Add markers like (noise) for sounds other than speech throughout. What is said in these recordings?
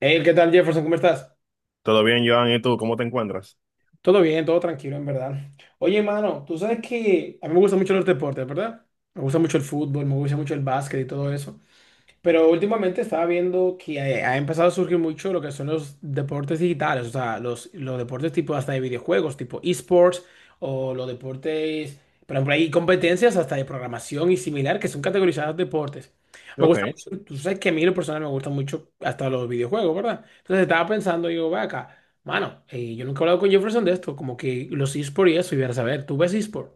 Hey, ¿qué tal, Jefferson? ¿Cómo estás? Todo bien, Joan, ¿y tú cómo te encuentras? Todo bien, todo tranquilo, en verdad. Oye, mano, tú sabes que a mí me gusta mucho los deportes, ¿verdad? Me gusta mucho el fútbol, me gusta mucho el básquet y todo eso. Pero últimamente estaba viendo que ha empezado a surgir mucho lo que son los deportes digitales, o sea, los deportes tipo hasta de videojuegos, tipo esports, o los deportes, por ejemplo, hay competencias hasta de programación y similar que son categorizadas deportes. Me Ok, gusta mucho, tú sabes que a mí lo personal me gustan mucho hasta los videojuegos, ¿verdad? Entonces estaba pensando, digo, ve acá, mano, yo nunca he hablado con Jefferson de esto, como que los esports y eso, y ver, a saber, ¿tú ves esports?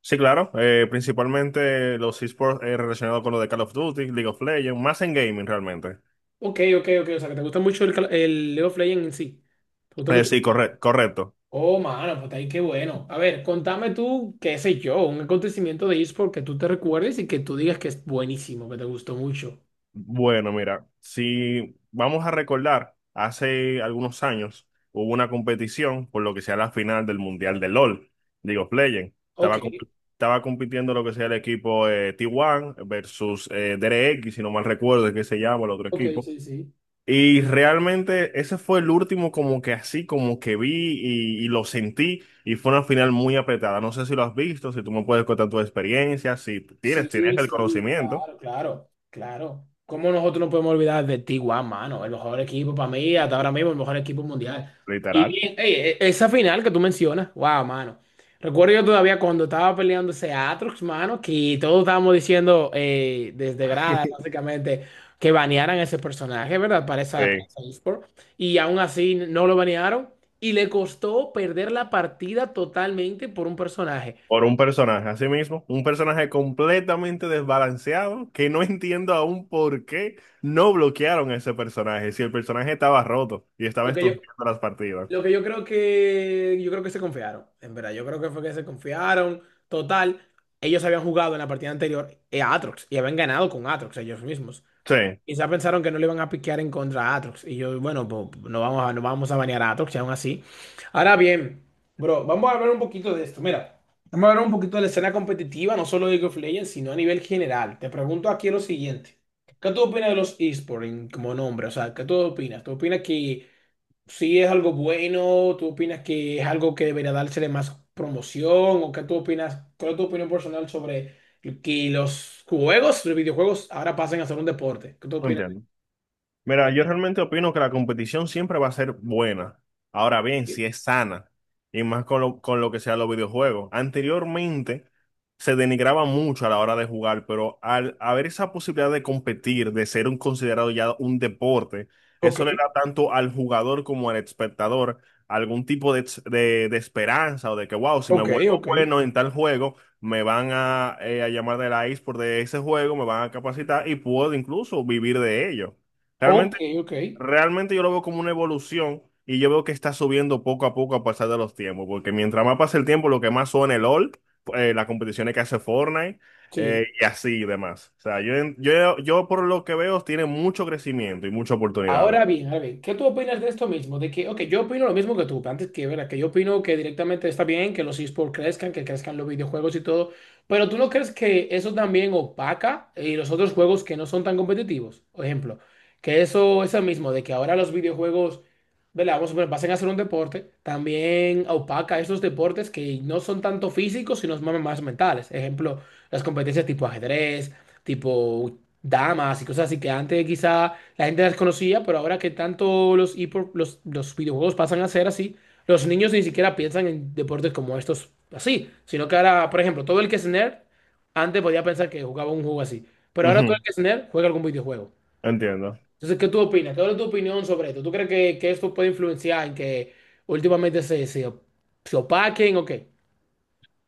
sí, claro, principalmente los esports relacionados con lo de Call of Duty, League of Legends, más en gaming realmente. Ok, ok, ok, o sea, que te gusta mucho el, el League of Legends en sí. ¿Te gusta mucho? Sí, correcto. Oh, mano, pues ahí qué bueno. A ver, contame tú, qué sé yo, un acontecimiento de eSport que tú te recuerdes y que tú digas que es buenísimo, que te gustó mucho. Bueno, mira, si vamos a recordar, hace algunos años hubo una competición por lo que sea la final del Mundial de LOL, League of Legends. Ok, Estaba compitiendo lo que sea el equipo T1 versus DRX, si no mal recuerdo, es que se llama el otro ok, equipo. sí, sí. Y realmente ese fue el último como que así, como que vi y, lo sentí y fue una final muy apretada. No sé si lo has visto, si tú me puedes contar tu experiencia, si tienes, Sí, tienes el sí, conocimiento, claro, claro, claro. ¿Cómo nosotros no podemos olvidar de T1, mano? El mejor equipo para mí, hasta ahora mismo, el mejor equipo mundial. Y literal, bien, ey, esa final que tú mencionas, wow, mano. Recuerdo yo todavía cuando estaba peleando ese Atrox, mano, que todos estábamos diciendo desde grada, básicamente, que banearan ese personaje, ¿verdad? Para eh, esa eSport. Y aún así no lo banearon y le costó perder la partida totalmente por un personaje. por un personaje, así mismo, un personaje completamente desbalanceado que no (laughs) entiendo aún por qué no bloquearon a ese personaje, si el personaje estaba roto y estaba Porque yo estos las partidas. Lo que yo creo que yo creo que se confiaron, en verdad. Yo creo que fue que se confiaron. Total, ellos habían jugado en la partida anterior a Atrox y habían ganado con Atrox ellos mismos. Sí, Quizá pensaron que no le iban a piquear en contra a Aatrox. Y yo, bueno, pues no vamos a banear a Atrox y aún así. Ahora bien, bro, vamos a hablar un poquito de esto. Mira, vamos a hablar un poquito de la escena competitiva, no solo de League of Legends, sino a nivel general. Te pregunto aquí lo siguiente. ¿Qué tú opinas de los esports como nombre? O sea, ¿qué tú opinas? ¿Tú opinas que si es algo bueno, tú opinas que es algo que debería dársele más promoción o qué tú opinas, cuál es tu opinión personal sobre que los juegos, los videojuegos ahora pasen a ser un deporte? ¿Qué tú no opinas? entiendo. Mira, yo realmente opino que la competición siempre va a ser buena. Ahora bien, si es sana, y más con lo que sea los videojuegos. Anteriormente se denigraba mucho a la hora de jugar, pero al haber esa posibilidad de competir, de ser un considerado ya un deporte, Ok, eso le da tanto al jugador como al espectador algún tipo de, de esperanza o de que, wow, si me ok, vuelvo ok, bueno en tal juego, me van a llamar de la eSport de ese juego, me van a capacitar y puedo incluso vivir de ello. ok, Realmente, ok, realmente yo lo veo como una evolución y yo veo que está subiendo poco a poco a pasar de los tiempos, porque mientras más pasa el tiempo, lo que más suena el LOL, las competiciones que hace Fortnite, sí. y así y demás. O sea, yo, yo por lo que veo tiene mucho crecimiento y muchas oportunidades. Ahora bien, ¿qué tú opinas de esto mismo? De que, ok, yo opino lo mismo que tú, antes que, ¿verdad? Que yo opino que directamente está bien que los esports crezcan, que crezcan los videojuegos y todo, pero ¿tú no crees que eso también opaca y los otros juegos que no son tan competitivos? Por ejemplo, que eso mismo, de que ahora los videojuegos, ¿verdad? Vamos a poner, pasen a ser un deporte, también opaca esos deportes que no son tanto físicos, sino más, más mentales. Ejemplo, las competencias tipo ajedrez tipo damas y cosas así que antes quizá la gente las conocía, pero ahora que tanto los, los videojuegos pasan a ser así, los niños ni siquiera piensan en deportes como estos así, sino que ahora, por ejemplo, todo el que es nerd antes podía pensar que jugaba un juego así, pero ahora todo el Ujú, que es nerd juega algún videojuego. entiendo. Entonces, ¿qué tú opinas? ¿Cuál es tu opinión sobre esto? ¿Tú crees que, esto puede influenciar en que últimamente se opaquen o qué?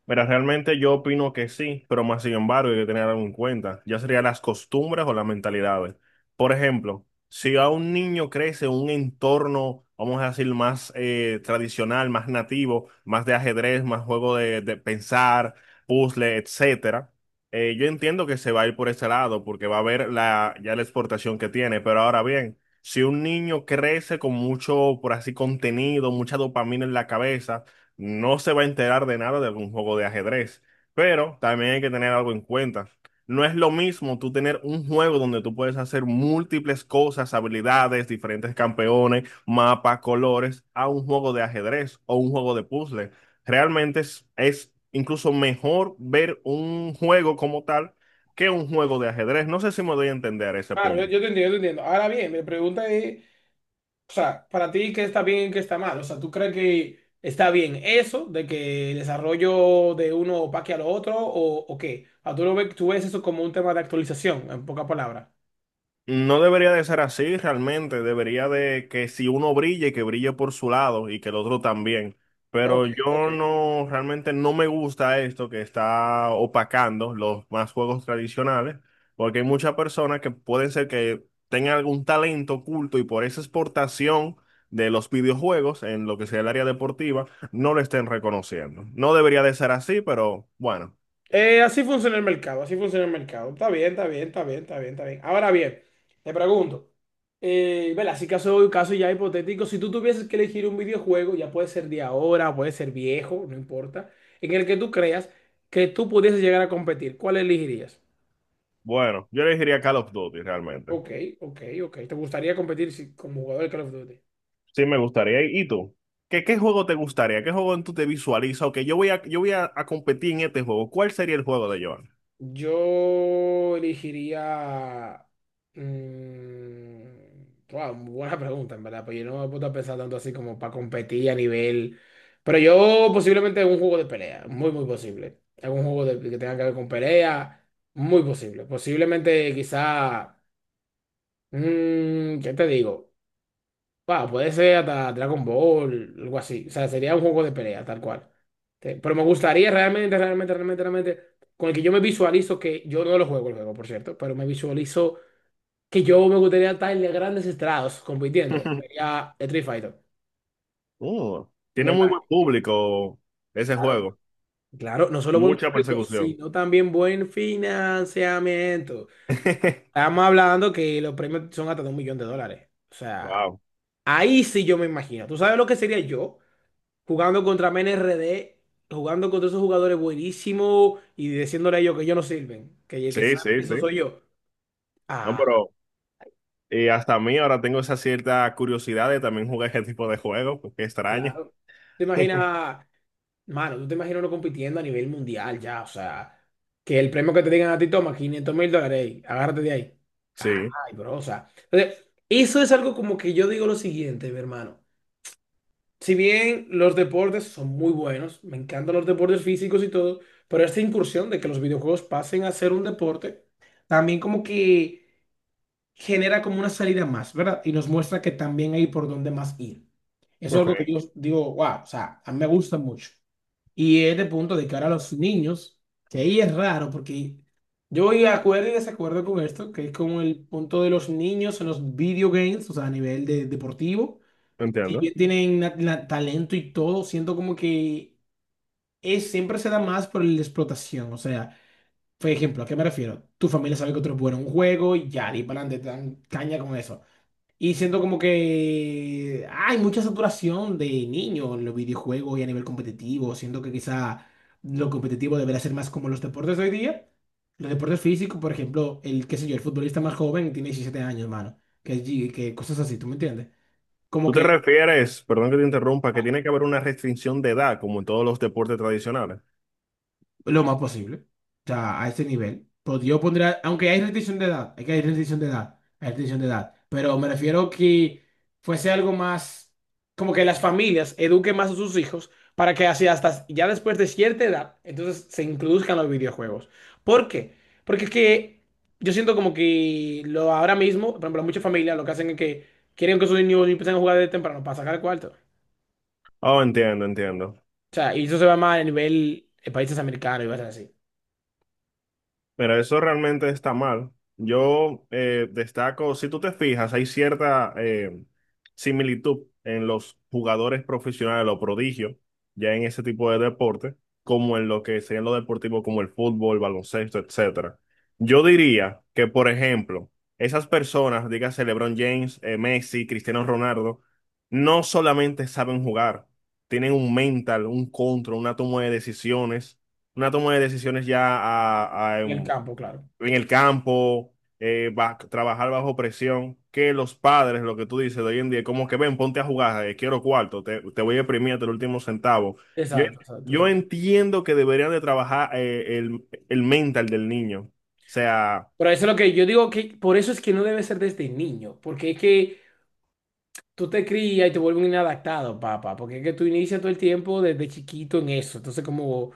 Mira, realmente yo opino que sí, pero más sin embargo hay que tener algo en cuenta, ya serían las costumbres o las mentalidades. Por ejemplo, si a un niño crece en un entorno, vamos a decir, más tradicional, más nativo, más de ajedrez, más juego de pensar, puzzle, etcétera, yo entiendo que se va a ir por ese lado porque va a ver la, ya la exportación que tiene, pero ahora bien, si un niño crece con mucho, por así, contenido, mucha dopamina en la cabeza, no se va a enterar de nada de algún juego de ajedrez. Pero también hay que tener algo en cuenta. No es lo mismo tú tener un juego donde tú puedes hacer múltiples cosas, habilidades, diferentes campeones, mapas, colores, a un juego de ajedrez o un juego de puzzle. Realmente es incluso mejor ver un juego como tal que un juego de ajedrez. No sé si me doy a entender ese Claro, yo, punto. yo te entiendo, yo te entiendo. Ahora bien, mi pregunta es, o sea, para ti, ¿qué está bien y qué está mal? O sea, ¿tú crees que está bien eso de que el desarrollo de uno opaque al otro o qué? O sea, tú lo ves, tú ves eso como un tema de actualización, en pocas palabras. No debería de ser así realmente, debería de que si uno brille, que brille por su lado y que el otro también. Ok, Pero ok. yo no, realmente no me gusta esto que está opacando los más juegos tradicionales, porque hay muchas personas que pueden ser que tengan algún talento oculto y por esa exportación de los videojuegos en lo que sea el área deportiva, no lo estén reconociendo. No debería de ser así, pero bueno, Así funciona el mercado, así funciona el mercado. Está bien, está bien, está bien, está bien, está bien. Ahora bien, te pregunto, vela, así caso, caso ya hipotético, si tú tuvieses que elegir un videojuego, ya puede ser de ahora, puede ser viejo, no importa, en el que tú creas que tú pudieses llegar a competir, ¿cuál elegirías? bueno, yo elegiría Call of Duty realmente. Ok, ok, ok. ¿Te gustaría competir como jugador de Call of Duty? Sí, me gustaría. ¿Y tú? ¿Qué, qué juego te gustaría? ¿Qué juego tú te visualizas? Ok, a competir en este juego. ¿Cuál sería el juego de Joan? Yo elegiría... wow, buena pregunta, en verdad, pero yo no me he puesto a pensar tanto así como para competir a nivel... Pero yo posiblemente un juego de pelea, muy, muy posible. Algún que tenga que ver con pelea, muy posible. Posiblemente quizá... ¿qué te digo? Wow, puede ser hasta Dragon Ball, algo así. O sea, sería un juego de pelea, tal cual. Sí, pero me gustaría realmente, realmente, realmente, realmente, con el que yo me visualizo que yo no lo juego el juego, por cierto, pero me visualizo que yo me gustaría estar en grandes estrados compitiendo. (laughs) Sería Street Fighter. Oh, Me tiene muy imagino. buen público ese Claro, juego. claro, no solo buen Mucha público, persecución. sino también buen financiamiento. (laughs) Estamos hablando que los premios son hasta de $1,000,000. O sea, Wow. ahí sí yo me imagino. ¿Tú sabes lo que sería yo? Jugando contra MNRD, jugando contra esos jugadores buenísimos y diciéndole a ellos que ellos no sirven, que el que Sí, saben sí, eso sí. soy yo. No, Ah, pero hasta a mí ahora tengo esa cierta curiosidad de también jugar ese tipo de juegos. Qué extraño. claro. ¿Te (laughs) imaginas, mano, tú te imaginas uno compitiendo a nivel mundial ya? O sea, que el premio que te digan a ti toma $500,000, ey, agárrate de ahí. Sí, Ay, bro, o sea. Entonces, eso es algo como que yo digo lo siguiente, mi hermano. Si bien los deportes son muy buenos, me encantan los deportes físicos y todo, pero esta incursión de que los videojuegos pasen a ser un deporte, también como que genera como una salida más, ¿verdad? Y nos muestra que también hay por dónde más ir. Eso es ok, algo que yo digo, wow, o sea, a mí me gusta mucho. Y es de punto de que ahora los niños, que ahí es raro, porque yo voy a acuerdo y desacuerdo con esto, que es como el punto de los niños en los video games, o sea, a nivel de deportivo si entiendo. bien tienen talento y todo, siento como que es, siempre se da más por la explotación. O sea, por ejemplo, ¿a qué me refiero? Tu familia sabe que otro es bueno en un juego y ya, y para adelante, te dan caña con eso. Y siento como que hay mucha saturación de niños en los videojuegos y a nivel competitivo. Siento que quizá lo competitivo debería ser más como los deportes de hoy día. Los deportes físicos, por ejemplo, el, qué sé yo, el futbolista más joven tiene 17 años, hermano. Que, que cosas así, ¿tú me entiendes? Como ¿Tú te que refieres, perdón que te interrumpa, que tiene que haber una restricción de edad, como en todos los deportes tradicionales? lo más posible. O sea, a ese nivel. Pues yo pondría, aunque hay restricción de edad, hay restricción de edad, hay restricción de edad. Pero me refiero que fuese algo más, como que las familias eduquen más a sus hijos para que así hasta ya después de cierta edad, entonces se introduzcan los videojuegos. ¿Por qué? Porque es que yo siento como que lo ahora mismo, por ejemplo, muchas familias lo que hacen es que quieren que sus niños empiecen a jugar de temprano para sacar el cuarto. O Oh, entiendo, entiendo. sea, y eso se va más a nivel de países americanos y cosas así. Mira, eso realmente está mal. Yo destaco, si tú te fijas, hay cierta similitud en los jugadores profesionales, los prodigios, ya en ese tipo de deporte, como en lo que serían los deportivos como el fútbol, baloncesto, etcétera. Yo diría que, por ejemplo, esas personas, dígase LeBron James, Messi, Cristiano Ronaldo, no solamente saben jugar, tienen un mental, un control, una toma de decisiones ya a, En el campo, claro. en el campo, trabajar bajo presión, que los padres, lo que tú dices de hoy en día, como que ven, ponte a jugar, quiero cuarto, te voy a imprimir hasta el último centavo. Yo, Exacto, exacto, yo exacto. entiendo que deberían de trabajar el mental del niño. O sea, Por eso es lo que yo digo que por eso es que no debe ser desde niño, porque es que tú te crías y te vuelves un inadaptado, papá, porque es que tú inicias todo el tiempo desde chiquito en eso. Entonces, como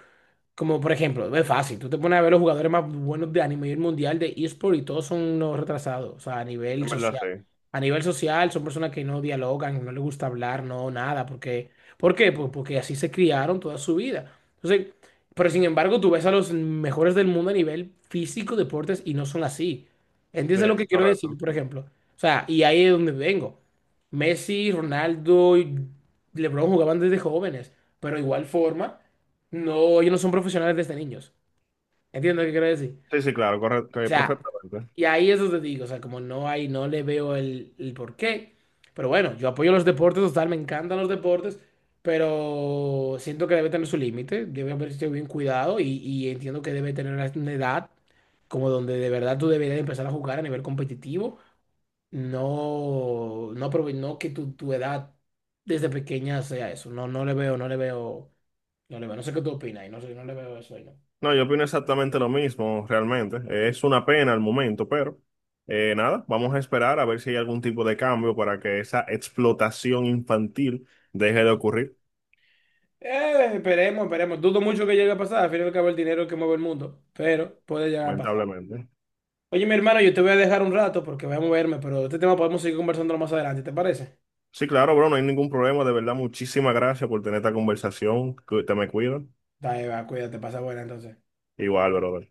Como por ejemplo, es fácil, tú te pones a ver los jugadores más buenos de anime y el mundial de eSport y todos son unos retrasados, o sea, a nivel en verdad social. sí, A nivel social son personas que no dialogan, no les gusta hablar, no, nada, porque, ¿por qué? Pues porque así se criaron toda su vida. Entonces, pero sin embargo, tú ves a los mejores del mundo a nivel físico, deportes, y no son así. sí, ¿Entiendes lo es que quiero decir, correcto. por ejemplo? O sea, y ahí es donde vengo. Messi, Ronaldo y LeBron jugaban desde jóvenes, pero de igual forma. No, ellos no son profesionales desde niños. ¿Entiendes lo que quiero decir? Sí, O sí, claro, correcto, Mm. Sea, perfectamente. y ahí eso te digo, o sea, como no hay, no le veo el porqué. Pero bueno, yo apoyo los deportes, total, me encantan los deportes, pero siento que debe tener su límite, debe haber sido bien cuidado y entiendo que debe tener una edad como donde de verdad tú deberías empezar a jugar a nivel competitivo, no, no, no que tu edad desde pequeña sea eso. No, no le veo, no le veo, no le veo. No sé qué tú opinas y no sé, no le veo eso ahí, ¿no? No, yo opino exactamente lo mismo, realmente. Es una pena al momento, pero nada, vamos a esperar a ver si hay algún tipo de cambio para que esa explotación infantil deje de ocurrir, Esperemos, esperemos. Dudo mucho que llegue a pasar. Al fin y al cabo, el dinero es el que mueve el mundo. Pero puede llegar a pasar. lamentablemente. Oye, mi hermano, yo te voy a dejar un rato porque voy a moverme, pero de este tema podemos seguir conversando más adelante, ¿te parece? Sí, claro, bro, no hay ningún problema. De verdad, muchísimas gracias por tener esta conversación. Te me cuidas. Dale, va, cuídate, pasa buena entonces. Igual, brother.